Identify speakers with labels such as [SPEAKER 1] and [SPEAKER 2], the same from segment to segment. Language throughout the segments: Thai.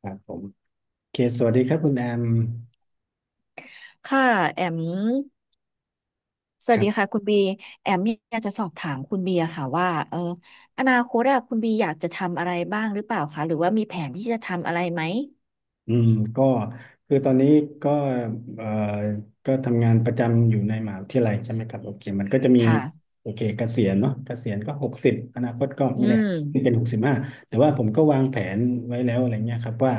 [SPEAKER 1] ครับผมโอเคสวัสดีครับคุณแอม
[SPEAKER 2] ค่ะแอมส
[SPEAKER 1] ค
[SPEAKER 2] วัส
[SPEAKER 1] รั
[SPEAKER 2] ดี
[SPEAKER 1] บ
[SPEAKER 2] ค่ะคุณบีแอมอยากจะสอบถามคุณบีอะค่ะว่าอนาคตอะคุณบีอยากจะทำอะไรบ้างหรือเปล่าคะหรือว่ามีแผนที่จะทำอะไรไหม
[SPEAKER 1] อืมก็คือตอนนี้ก็เอ่อก็ทำงานประจำอยู่ในมหาวิทยาลัยใช่ไหมครับโอเคมันก็จะมี
[SPEAKER 2] ค่ะ
[SPEAKER 1] โอเคเกษียณเนาะเกษียณก็หกสิบอนาคตก็
[SPEAKER 2] อื
[SPEAKER 1] ไม่แน่
[SPEAKER 2] ม
[SPEAKER 1] เป็นหกสิบห้าแต่ว่าผมก็วางแผนไว้แล้วอะไรเงี้ยครับว่า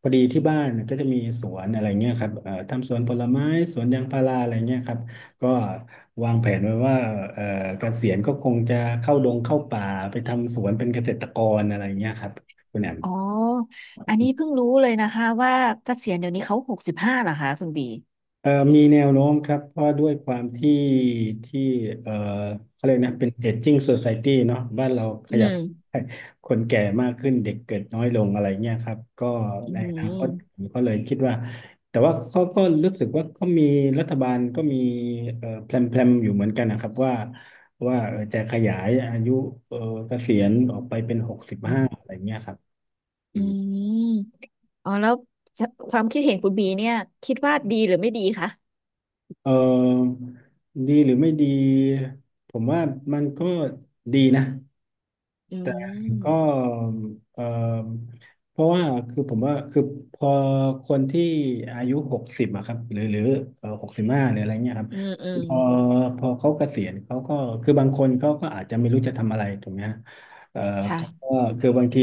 [SPEAKER 1] พอดีที่บ้านก็จะมีสวนอะไรเงี้ยครับทำสวนผลไม้สวนยางพาราอะไรเงี้ยครับก็วางแผนไว้ว่าเอ่อเกษียณก็คงจะเข้าดงเข้าป่าไปทำสวนเป็นเกษตรกรอะไรเงี้ยครับคุณแอม
[SPEAKER 2] อ๋ออันนี้เพิ่งรู้เลยนะคะว่าเกษียณเดี๋ยวนี้เขาหกสิบห้าเหรอคะคุณบี
[SPEAKER 1] มีแนวโน้มครับเพราะด้วยความที่ที่เอ่อเขาเรียกนะเป็นเอจจิ้งโซ i ายตี้เนาะบ้านเราข
[SPEAKER 2] อื
[SPEAKER 1] ยับ
[SPEAKER 2] ม
[SPEAKER 1] ให้คนแก่มากขึ้นเด็กเกิดน้อยลงอะไรเงี้ยครับก็
[SPEAKER 2] อื
[SPEAKER 1] ในอนาคตผ
[SPEAKER 2] ม
[SPEAKER 1] มก็เลยคิดว่าแต่ว่าเขาก็รู้สึกว่าก็มีรัฐบาลก็มีแพลนอยู่เหมือนกันนะครับว่าจะขยายอายุเอ่อเกษียณออกไปเป็นหกสิบห้าอะไรเงี้ยครับ
[SPEAKER 2] อืมอ๋อแล้วความคิดเห็นคุณบีเนี่ยคิดว่าดีหรือไม่ดีคะ
[SPEAKER 1] เออดีหรือไม่ดีผมว่ามันก็ดีนะ
[SPEAKER 2] อื
[SPEAKER 1] ก็
[SPEAKER 2] ม
[SPEAKER 1] เออเพราะว่าคือผมว่าคือพอคนที่อายุหกสิบอะครับหรือเออหกสิบห้าหรืออะไรเงี้ยครับ
[SPEAKER 2] อืมอืม
[SPEAKER 1] พอพอเขาเกษียณเขาก็คือบางคนเขาก็อาจจะไม่รู้จะทำอะไรถูกไหมฮะเอ่อเขาก็
[SPEAKER 2] ค่ะ
[SPEAKER 1] คือบางที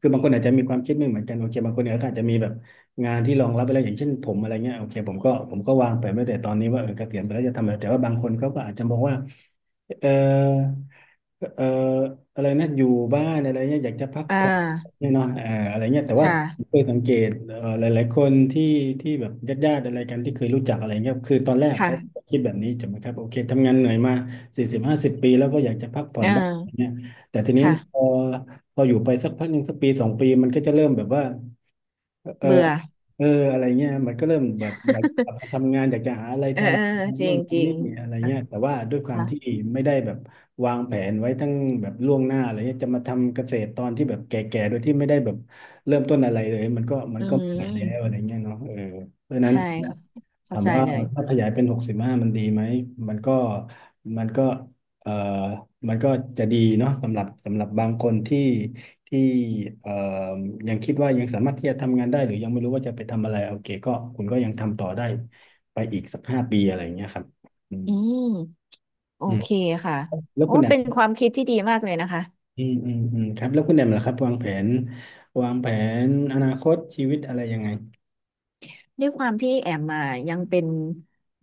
[SPEAKER 1] คือบางคนอาจจะมีความคิดไม่เหมือนกันโอเคบางคนเนี่ยก็อาจจะมีแบบงานที่รองรับไปแล้วอย่างเช่นผมอะไรเงี้ยโอเคผมก็วางไปไม้แต่ตอนนี้ว่าเออเกษียณไปแล้วจะทำอะไรแต่ว่าบางคนเขาก็อาจจะมองว่าเออ เอ่ออะไรนะอยู่บ้านอะไรเนี้ยอยากจะพัก
[SPEAKER 2] อ่
[SPEAKER 1] ผ่อน
[SPEAKER 2] า
[SPEAKER 1] เนี่ยเนาะอ่าอะไรเนี้ยแต่ว่า
[SPEAKER 2] ค่ะ
[SPEAKER 1] เคยสังเกตหลายๆคนที่ที่แบบญาติๆอะไรกันที่เคยรู้จักอะไรเงี้ยคือตอนแรกเขา
[SPEAKER 2] ค่ะ
[SPEAKER 1] คิดแบบนี้ถูกไหมครับโอเคทำงานเหนื่อยมาสี่สิบห้าสิบปีแล้วก็อยากจะพักผ่อ
[SPEAKER 2] เอ
[SPEAKER 1] นบ้างอะไร
[SPEAKER 2] อ
[SPEAKER 1] เนี้ยแต่ทีนี้พอ
[SPEAKER 2] ค่ะ
[SPEAKER 1] พออยู่ไปสักพักหนึ่งสักปีสองปีมันก็จะเริ่มแบบว่าเออ
[SPEAKER 2] เบื่อ
[SPEAKER 1] เอออะไรเงี้ยมันก็เริ่มแบบอยากกลับมา ทำงานอยากจะหาอะไร
[SPEAKER 2] เอ
[SPEAKER 1] ท
[SPEAKER 2] อเออ
[SPEAKER 1] ำ
[SPEAKER 2] จ
[SPEAKER 1] ทำ
[SPEAKER 2] ริ
[SPEAKER 1] นู่น
[SPEAKER 2] งจริ
[SPEAKER 1] ทำ
[SPEAKER 2] ง
[SPEAKER 1] นี่อะไรเงี้ยแต่ว่าด้วยความที่
[SPEAKER 2] ค่ะ
[SPEAKER 1] ไม่ได้แบบวางแผนไว้ทั้งแบบล่วงหน้าอะไรเงี้ยจะมาทำเกษตรตอนที่แบบแก่ๆโดยที่ไม่ได้แบบเริ่มต้นอะไรเลยมันก็มั
[SPEAKER 2] อื
[SPEAKER 1] นก็ไม่ไหวแล้วอะไร
[SPEAKER 2] ม
[SPEAKER 1] เงี้ยเนาะเออเพราะฉะนั้น
[SPEAKER 2] ใช่ค่ะ
[SPEAKER 1] ถา
[SPEAKER 2] เข้า
[SPEAKER 1] ม
[SPEAKER 2] ใจ
[SPEAKER 1] ว่า
[SPEAKER 2] เลย
[SPEAKER 1] ถ้าขยายเป็นหกสิบห้ามันดีไหมมันก็มันก็เอ่อมันก็จะดีเนาะสำหรับสำหรับบางคนที่ที่เอ่อยังคิดว่ายังสามารถที่จะทำงานได้หรือยังไม่รู้ว่าจะไปทำอะไรโอเคก็คุณก็ยังทำต่อได้ไปอีกสักห้าปีอะไรอย่างเงี้ยครับอืม
[SPEAKER 2] อืมโอ
[SPEAKER 1] อืม
[SPEAKER 2] เคค่ะ
[SPEAKER 1] แล้ว
[SPEAKER 2] โอ้
[SPEAKER 1] คุณแอม
[SPEAKER 2] เป็นความคิดที่ดีมากเลยนะคะ
[SPEAKER 1] อืมอืมอืมครับแล้วคุณแอมล่ะครับวางแผนอนาคตชีวิตอะไรยังไง
[SPEAKER 2] ด้วยความที่แอมมายังเป็น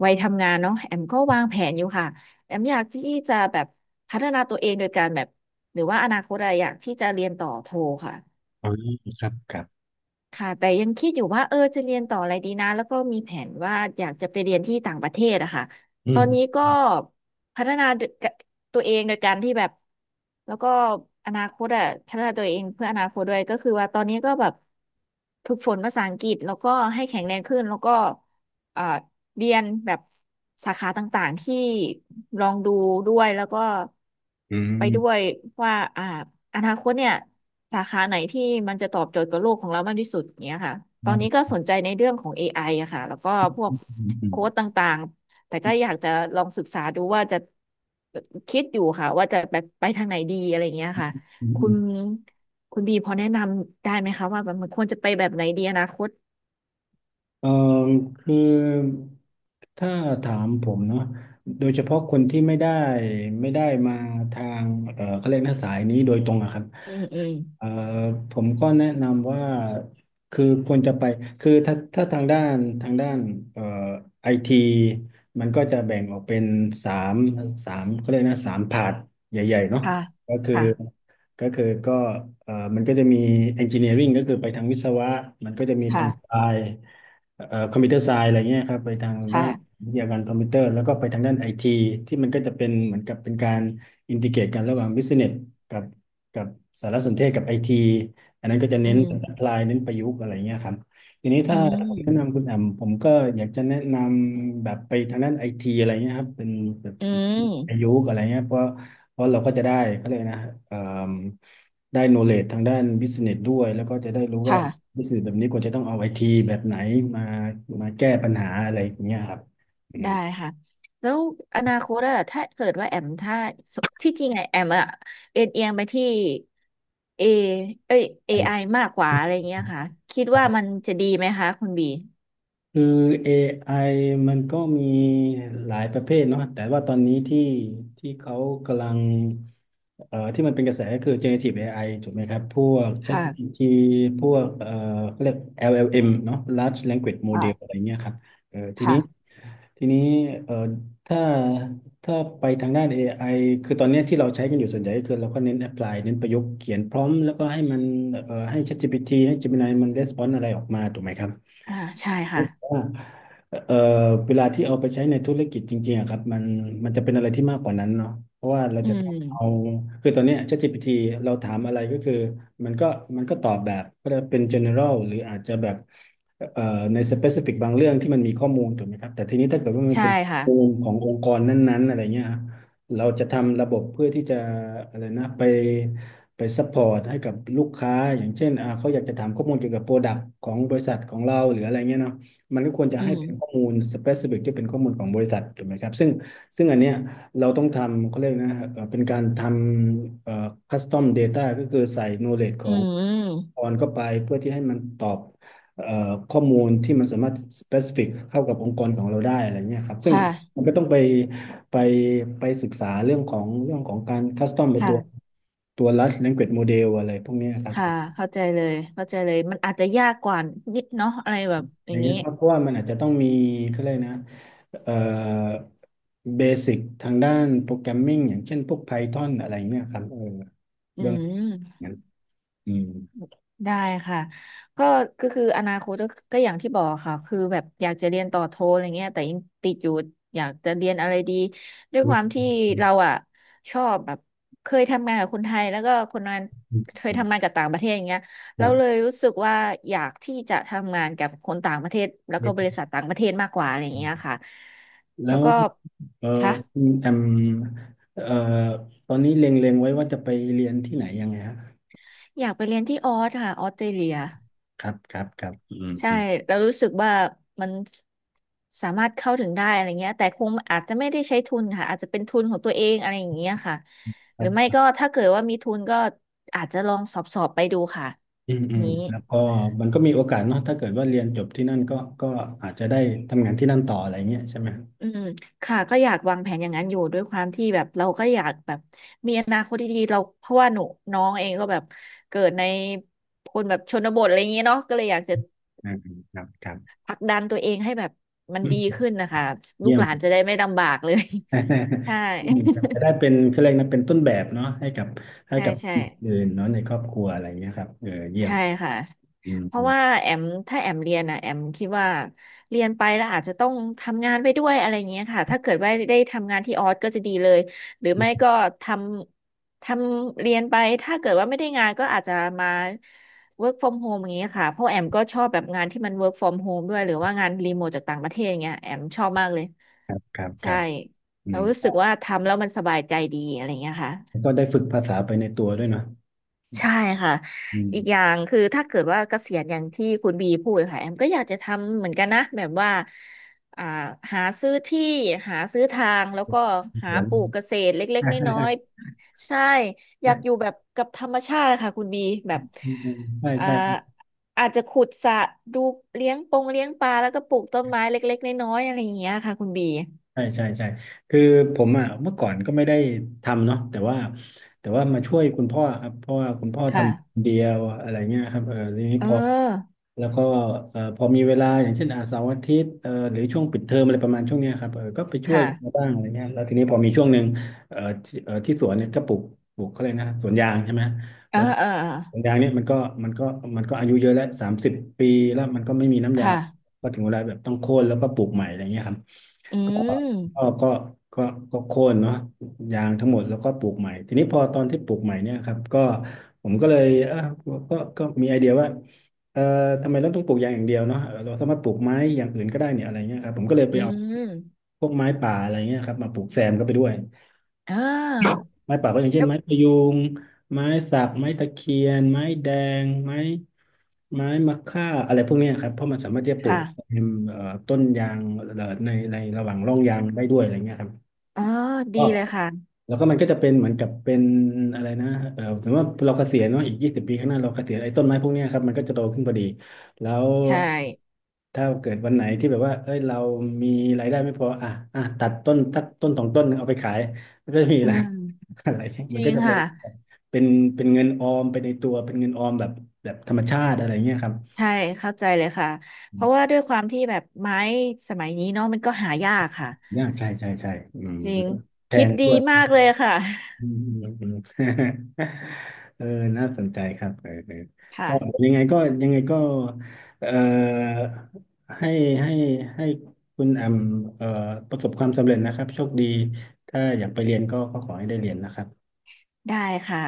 [SPEAKER 2] วัยทำงานเนาะแอมก็วางแผนอยู่ค่ะแอมอยากที่จะแบบพัฒนาตัวเองโดยการแบบหรือว่าอนาคตอะอยากที่จะเรียนต่อโทค่ะ
[SPEAKER 1] อ๋อครับครับ
[SPEAKER 2] ค่ะแต่ยังคิดอยู่ว่าจะเรียนต่ออะไรดีนะแล้วก็มีแผนว่าอยากจะไปเรียนที่ต่างประเทศอะค่ะ
[SPEAKER 1] อื
[SPEAKER 2] ตอนนี้
[SPEAKER 1] ม
[SPEAKER 2] ก็พัฒนาตัวเองโดยการที่แบบแล้วก็อนาคตอะพัฒนาตัวเองเพื่ออนาคตด้วยก็คือว่าตอนนี้ก็แบบฝึกฝนภาษาอังกฤษแล้วก็ให้แข็งแรงขึ้นแล้วก็เอ่อเรียนแบบสาขาต่างๆที่ลองดูด้วยแล้วก็
[SPEAKER 1] อื
[SPEAKER 2] ไปด้วย
[SPEAKER 1] ม
[SPEAKER 2] ว่าอ่าอนาคตเนี่ยสาขาไหนที่มันจะตอบโจทย์กับโลกของเรามากที่สุดอย่างเงี้ยค่ะต
[SPEAKER 1] อื
[SPEAKER 2] อนนี้
[SPEAKER 1] ม
[SPEAKER 2] ก็สนใจในเรื่องของเอไออะค่ะแล้วก็พวก
[SPEAKER 1] อืมอืม
[SPEAKER 2] โค้ดต่างๆแต่ก็อยากจะลองศึกษาดูว่าจะคิดอยู่ค่ะว่าจะไปทางไหนดีอะไรอย่างเงี้ยค่ะ
[SPEAKER 1] อื
[SPEAKER 2] คุณ
[SPEAKER 1] ม
[SPEAKER 2] คุณบีพอแนะนำได้ไหมคะว่ามันควรจะไปแบบไหนดีอนาคต
[SPEAKER 1] เออคือถ้าถามผมเนาะโดยเฉพาะคนที่ไม่ได้มาทางเออเขาเรียกนะสายนี้โดยตรงอะครับ
[SPEAKER 2] อืมอืม
[SPEAKER 1] เออผมก็แนะนำว่าคือควรจะไปคือถ้าถ้าทางด้านเอ่อไอทีมันก็จะแบ่งออกเป็นสามสามเขาเรียกนะสามพาร์ทใหญ่ๆเนาะ
[SPEAKER 2] ค่ะ
[SPEAKER 1] ก็คือ
[SPEAKER 2] ค่ะ
[SPEAKER 1] ก็คือก็มันก็จะมี engineering ก็คือไปทางวิศวะมันก็จะมีทา
[SPEAKER 2] ค่ะ
[SPEAKER 1] งไฟ คอมพิวเตอร์ไซน์อะไรเงี้ยครับไปทางด้าน
[SPEAKER 2] ค่ะ
[SPEAKER 1] วิทยาการคอมพิวเตอร์แล้วก็ไปทางด้านไอทีที่มันก็จะเป็นเหมือนกับเป็นการอินทิเกรตกันระหว่างบิสเนสกับกับสารสนเทศกับไอทีอันนั้นก็จะ
[SPEAKER 2] อื
[SPEAKER 1] เน้น
[SPEAKER 2] ม
[SPEAKER 1] แอ p พลายเน้นประยุกต์อะไรเงี้ยครับทีนี้
[SPEAKER 2] อื
[SPEAKER 1] ถ้า
[SPEAKER 2] ม
[SPEAKER 1] ผมแนะนำคุณแอมผมก็อยากจะแนะนำแบบไปทางด้านไอทีอะไรเงี้ยครับเป็นแบบ
[SPEAKER 2] อืม
[SPEAKER 1] ประยุกต์อะไรเงี้ยเพราะเราก็จะได้ก็เลยกนะ ได้โนเล e ทางด้านบิสเนสด้วยแล้วก็จะได้รู้ว่า
[SPEAKER 2] ค่ะ
[SPEAKER 1] s ิส e s s แบบนี้ควรจะต้องเอาไอทีแบบไหนมามาแก้ปัญหาอะไรอย่างเงี้ยครับอืม
[SPEAKER 2] ได้ค่ะแล้วอนาคตอะถ้าเกิดว่าแอมถ้าสที่จริงไงแอมอะเอ็นเอียงไปที่เอเอ้ยเอ
[SPEAKER 1] ไอ
[SPEAKER 2] ไอ
[SPEAKER 1] ้
[SPEAKER 2] มากกว่าอะไรเงี้ยค่ะคิดว่ามันจะดีไหมคะคุณบี
[SPEAKER 1] คือ AI มันก็มีหลายประเภทเนาะแต่ว่าตอนนี้ที่ที่เขากำลังที่มันเป็นกระแสก็คือ generative AI ถูกไหมครับพวก
[SPEAKER 2] ค่ะ
[SPEAKER 1] ChatGPT พวกเขาเรียก LLM เอ็มเนาะ Large Language Model อะ
[SPEAKER 2] ค่ะ
[SPEAKER 1] ไรเงี้ยครับเออที
[SPEAKER 2] ค่ะ
[SPEAKER 1] นี้ ทีนี้เอ่อถ้าถ้าไปทางด้าน AI คือตอนเนี้ยที่เราใช้กันอยู่ส่วนใหญ่ก็คือเราก็เน้น apply เน้นประยุกต์เขียนพร้อมแล้วก็ให้มันให้ ChatGPT ให้ Gemini มัน response อะไรออกมาถูกไหมครับ
[SPEAKER 2] อ่าใช่ค่ะ
[SPEAKER 1] ว่าเอ่อเวลาที่เอาไปใช้ในธุรกิจจริงๆอะครับมันจะเป็นอะไรที่มากกว่านั้นเนาะเพราะว่าเรา
[SPEAKER 2] อื
[SPEAKER 1] จะต้
[SPEAKER 2] ม
[SPEAKER 1] องเอาคือตอนเนี้ย ChatGPT เราถามอะไรก็คือมันก็มันก็ตอบแบบก็จะเป็น general หรืออาจจะแบบ เอ่อในสเปซิฟิกบางเรื่องที่มันมีข้อมูลถูกไหมครับแต่ทีนี้ถ้าเกิดว่ามัน
[SPEAKER 2] ใช่
[SPEAKER 1] เป็น
[SPEAKER 2] ค่ะ
[SPEAKER 1] ข้อมูลขององค์กรนั้นๆอะไรเงี้ยฮะเราจะทำระบบเพื่อที่จะอะไรนะไปซัพพอร์ตให้กับลูกค้าอย่างเช่นอ่าเขาอยากจะถามข้อมูลเกี่ยวกับโปรดักต์ของบริษัทของเราหรืออะไรเงี้ยเนาะมันก็ควรจะ
[SPEAKER 2] อื
[SPEAKER 1] ให้
[SPEAKER 2] ม
[SPEAKER 1] เป็นข้อมูลสเปซิฟิกที่เป็นข้อมูลของบริษัทถูกไหมครับซึ่งอันเนี้ยเราต้องทำเขาเรียกนะเป็นการทำคัสตอม data ก็คือใส่ knowledge ข
[SPEAKER 2] อื
[SPEAKER 1] อง
[SPEAKER 2] ม
[SPEAKER 1] พรเข้าไปเพื่อที่ให้มันตอบเอ่อข้อมูลที่มันสามารถ specific เข้ากับองค์กรของเราได้อะไรเงี้ยครับซึ่ง
[SPEAKER 2] ค่ะ
[SPEAKER 1] มันก็ต้องไปไปศึกษาเรื่องของการ custom ไปตัว
[SPEAKER 2] ค่ะ
[SPEAKER 1] ตัว large language model อะไรพวกเนี้ยครับ
[SPEAKER 2] ค่ะเข้าใจเลยเข้าใจเลยมันอาจจะยากกว่านิดเนาะอะไรแบบ
[SPEAKER 1] อะ
[SPEAKER 2] อ
[SPEAKER 1] ไร
[SPEAKER 2] ย่าง
[SPEAKER 1] เงี้
[SPEAKER 2] นี้
[SPEAKER 1] ยครับเพราะว่ามันอาจจะต้องมีเขาเลยกนะเอ่อเบสิกทางด้านโปรแกรมมิ่งอย่างเช่นพวก Python อะไรเงี้ยครับเออ
[SPEAKER 2] อื
[SPEAKER 1] เบื้องหง
[SPEAKER 2] ม
[SPEAKER 1] นั้นอืม
[SPEAKER 2] ได้ค่ะก็ก็คืออนาคตก็ก็อย่างที่บอกค่ะคือแบบอยากจะเรียนต่อโทอะไรเงี้ยแต่ยังติดอยู่อยากจะเรียนอะไรดีด้วยความที่เราอ่ะชอบแบบเคยทำงานกับคนไทยแล้วก็คนงานเคยทำงานกับต่างประเทศอย่างเงี้ย
[SPEAKER 1] ครั
[SPEAKER 2] เราเลย
[SPEAKER 1] บ
[SPEAKER 2] รู้สึกว่าอยากที่จะทำงานกับคนต่างประเทศแล้วก็บริษัทต่างประเทศมากกว่าอะไรอย่างเงี้ยค่ะ
[SPEAKER 1] แล้
[SPEAKER 2] แล้ว
[SPEAKER 1] ว
[SPEAKER 2] ก็
[SPEAKER 1] เออ
[SPEAKER 2] ค่ะ
[SPEAKER 1] คุณแอมเอ่อตอนนี้เล็งๆไว้ว่าจะไปเรียนที่ไหนยังไงฮะ
[SPEAKER 2] อยากไปเรียนที่ออสค่ะออสเตรเลีย
[SPEAKER 1] ครับครับครับอืม
[SPEAKER 2] ใช่
[SPEAKER 1] อืม
[SPEAKER 2] เรารู้สึกว่ามันสามารถเข้าถึงได้อะไรเงี้ยแต่คงอาจจะไม่ได้ใช้ทุนค่ะอาจจะเป็นทุนของตัวเองอะไรอย่างเงี้ยค่ะ
[SPEAKER 1] ค
[SPEAKER 2] ห
[SPEAKER 1] ร
[SPEAKER 2] รือไม่
[SPEAKER 1] ับ
[SPEAKER 2] ก็ถ้าเกิดว่ามีทุนก็อาจจะลองสอบไปดูค่ะ
[SPEAKER 1] อืมอืม
[SPEAKER 2] นี้
[SPEAKER 1] แล้วก็มันก็มีโอกาสเนาะถ้าเกิดว่าเรียนจบที่นั่นก็ก็อาจจะได้ทำงานที่นั่นต่ออะไรเงี้ยใช่ไหมครับ
[SPEAKER 2] อืมค่ะก็อยากวางแผนอย่างนั้นอยู่ด้วยความที่แบบเราก็อยากแบบมีอนาคตที่ดีเราเพราะว่าหนูน้องเองก็แบบเกิดในคนแบบชนบทอะไรอย่างเงี้ยเนาะก็เลยอยากจะ
[SPEAKER 1] อืมอืมครับครับ
[SPEAKER 2] ผลักดันตัวเองให้แบบมัน
[SPEAKER 1] อื
[SPEAKER 2] ดี
[SPEAKER 1] ม
[SPEAKER 2] ขึ้นนะคะลู
[SPEAKER 1] เยี่
[SPEAKER 2] ก
[SPEAKER 1] ยม
[SPEAKER 2] ห ลา
[SPEAKER 1] เล
[SPEAKER 2] น
[SPEAKER 1] ย
[SPEAKER 2] จะได้ไม่ลำบากเลย ใช่
[SPEAKER 1] อืมครับ จะได้เป็นคือเรียกนะเป็นต้นแบบเนาะให้กับให้
[SPEAKER 2] ใช่
[SPEAKER 1] กับ
[SPEAKER 2] ใช่
[SPEAKER 1] คนอื่นเนาะในครอบครัวอะไรเงี้ยครับเออเยี่ยม
[SPEAKER 2] ใช่ค่ะ
[SPEAKER 1] อืม
[SPEAKER 2] เพ
[SPEAKER 1] อื
[SPEAKER 2] ราะ
[SPEAKER 1] ม
[SPEAKER 2] ว่าแอมถ้าแอมเรียนอ่ะแอมคิดว่าเรียนไปแล้วอาจจะต้องทำงานไปด้วยอะไรเงี้ยค่ะถ้าเกิดว่าได้ทำงานที่ออสก็จะดีเลยหรือไม่ก็ทำทำเรียนไปถ้าเกิดว่าไม่ได้งานก็อาจจะมา work from home อย่างเงี้ยค่ะเพราะแอมก็ชอบแบบงานที่มัน work from home ด้วยหรือว่างานรีโมทจากต่างประเทศอย่างเงี้ยแอมชอบมากเลย
[SPEAKER 1] ครับครับค
[SPEAKER 2] ใช่
[SPEAKER 1] รับอื
[SPEAKER 2] เรา
[SPEAKER 1] ม
[SPEAKER 2] รู้
[SPEAKER 1] ก็
[SPEAKER 2] สึกว่าทำแล้วมันสบายใจดีอะไรเงี้ยค่ะ
[SPEAKER 1] ก็ได้ฝึกภาษาไปในตัวด้วยเนาะ
[SPEAKER 2] ใช่ค่ะ
[SPEAKER 1] อื
[SPEAKER 2] อีก
[SPEAKER 1] ม
[SPEAKER 2] อย่างคือถ้าเกิดว่าเกษียณอย่างที่คุณบีพูดค่ะแอมก็อยากจะทำเหมือนกันนะแบบว่าอ่าหาซื้อที่หาซื้อทางแล้วก็หาปลูกเกษตรเล็กๆน้อย ๆใช่อยากอยู่แบบกับธรรมชาติค่ะคุณบีแบบ
[SPEAKER 1] ใช่
[SPEAKER 2] อ่า
[SPEAKER 1] ใช่
[SPEAKER 2] อาจจะขุดสระดูเลี้ยงปงเลี้ยงปลาแล้วก็ปลูกต้นไม้เล็กๆน้อยๆอะไรอย่างเงี้ยค่ะคุณบี
[SPEAKER 1] ใช่ใช่ใช่คือผมอ่ะเมื่อก่อนก็ไม่ได้ทำเนาะแต่ว่าแต่ว่ามาช่วยคุณพ่อครับเพราะว่าคุณพ่อ
[SPEAKER 2] ค่ะ
[SPEAKER 1] ทำคนเดียวอะไรเงี้ยครับเออทีนี้
[SPEAKER 2] เอ
[SPEAKER 1] พอ
[SPEAKER 2] อ
[SPEAKER 1] แล้วก็พอมีเวลาอย่างเช่นอาเสาร์อาทิตย์หรือช่วงปิดเทอมอะไรประมาณช่วงเนี้ยครับเออก็ไปช่วย
[SPEAKER 2] ค่ะ
[SPEAKER 1] มาบ้างอะไรเงี้ยแล้วทีนี้พอมีช่วงหนึ่งที่สวนเนี่ยก็ปลูกเขาเลยกนะสวนยางใช่ไหม
[SPEAKER 2] เออ
[SPEAKER 1] แล้ว
[SPEAKER 2] เออเออ
[SPEAKER 1] สวนยางเนี่ยมันก็มันก็อายุเยอะแล้ว30ปีแล้วมันก็ไม่มีน้ำยาง
[SPEAKER 2] ค่ะ
[SPEAKER 1] ก็ถึงเวลาแบบต้องโค่นแล้วก็ปลูกใหม่อะไรเงี้ยครับ
[SPEAKER 2] อื
[SPEAKER 1] ก็
[SPEAKER 2] ม
[SPEAKER 1] ก็ก็ก็ก็โค่นเนาะยางทั้งหมดแล้วก็ปลูกใหม่ทีนี้พอตอนที่ปลูกใหม่เนี่ยครับก็ผมก็เลยเออก็มีไอเดียว่าเอ่อทำไมเราต้องปลูกยางอย่างเดียวเนาะเราสามารถปลูกไม้อย่างอื่นก็ได้เนี่ยอะไรเงี้ยครับผมก็เลยไป
[SPEAKER 2] อื
[SPEAKER 1] เอา
[SPEAKER 2] ม
[SPEAKER 1] พวกไม้ป่าอะไรเงี้ยครับมาปลูกแซมเข้าไปด้วย
[SPEAKER 2] อ่า
[SPEAKER 1] ไม้ป่าก็อย่าง
[SPEAKER 2] แล
[SPEAKER 1] เช่นไม้พะยูงไม้สักไม้ตะเคียนไม้แดงไม้มะค่าอะไรพวกเนี้ยครับเพราะมันสามารถที่จะปลูกเต
[SPEAKER 2] ค่ะ
[SPEAKER 1] ็มต้นยางในระหว่างร่องยางได้ด้วยอะไรเงี้ยครับ
[SPEAKER 2] อ๋อ ดี
[SPEAKER 1] ก็
[SPEAKER 2] เลยค่ะ
[SPEAKER 1] แล้วก็มันก็จะเป็นเหมือนกับเป็นอะไรนะเออสมมติว่าเราเกษียณเนาะอีก20ปีข้างหน้าเราเกษียณไอ้ต้นไม้พวกเนี้ยครับมันก็จะโตขึ้นพอดีแล้ว
[SPEAKER 2] ใช่
[SPEAKER 1] ถ้าเกิดวันไหนที่แบบว่าเอ้ยเรามีรายได้ไม่พออ่ะอ่ะตัดต้นสองต้นหนึ่งเอาไปขายมันก็จะมี
[SPEAKER 2] อื
[SPEAKER 1] อะไร
[SPEAKER 2] ม
[SPEAKER 1] อะไรเงี้ย
[SPEAKER 2] จ
[SPEAKER 1] มัน
[SPEAKER 2] ริ
[SPEAKER 1] ก็
[SPEAKER 2] ง
[SPEAKER 1] จะ
[SPEAKER 2] ค่ะ
[SPEAKER 1] เป็นเป็นเงินออมไปในตัว เป็นเงินออมแบบธรรมชาติอะไรเงี้ยครับ
[SPEAKER 2] ใช่ เข้าใจเลยค่ะ เพราะว่าด้วยความที่แบบไม้สมัยนี้เนาะมันก็หายากค่ะ
[SPEAKER 1] ยากใช่ใช่ใช่อืม
[SPEAKER 2] จริง
[SPEAKER 1] แพ
[SPEAKER 2] คิด
[SPEAKER 1] ง
[SPEAKER 2] ดี
[SPEAKER 1] ด้วย
[SPEAKER 2] มากเลยค่ะ
[SPEAKER 1] อืมอืมอืม เออน่าสนใจครับเออเออ ก็ยั
[SPEAKER 2] ค่ะ
[SPEAKER 1] งไงก็ยังไงก็เอ่อให้ให้ให้คุณแอมเอ่อประสบความสำเร็จนะครับโชคดีถ้าอยากไปเรียนก็ก็ขอให้ได้เรียนนะครับ
[SPEAKER 2] ได้ค่ะ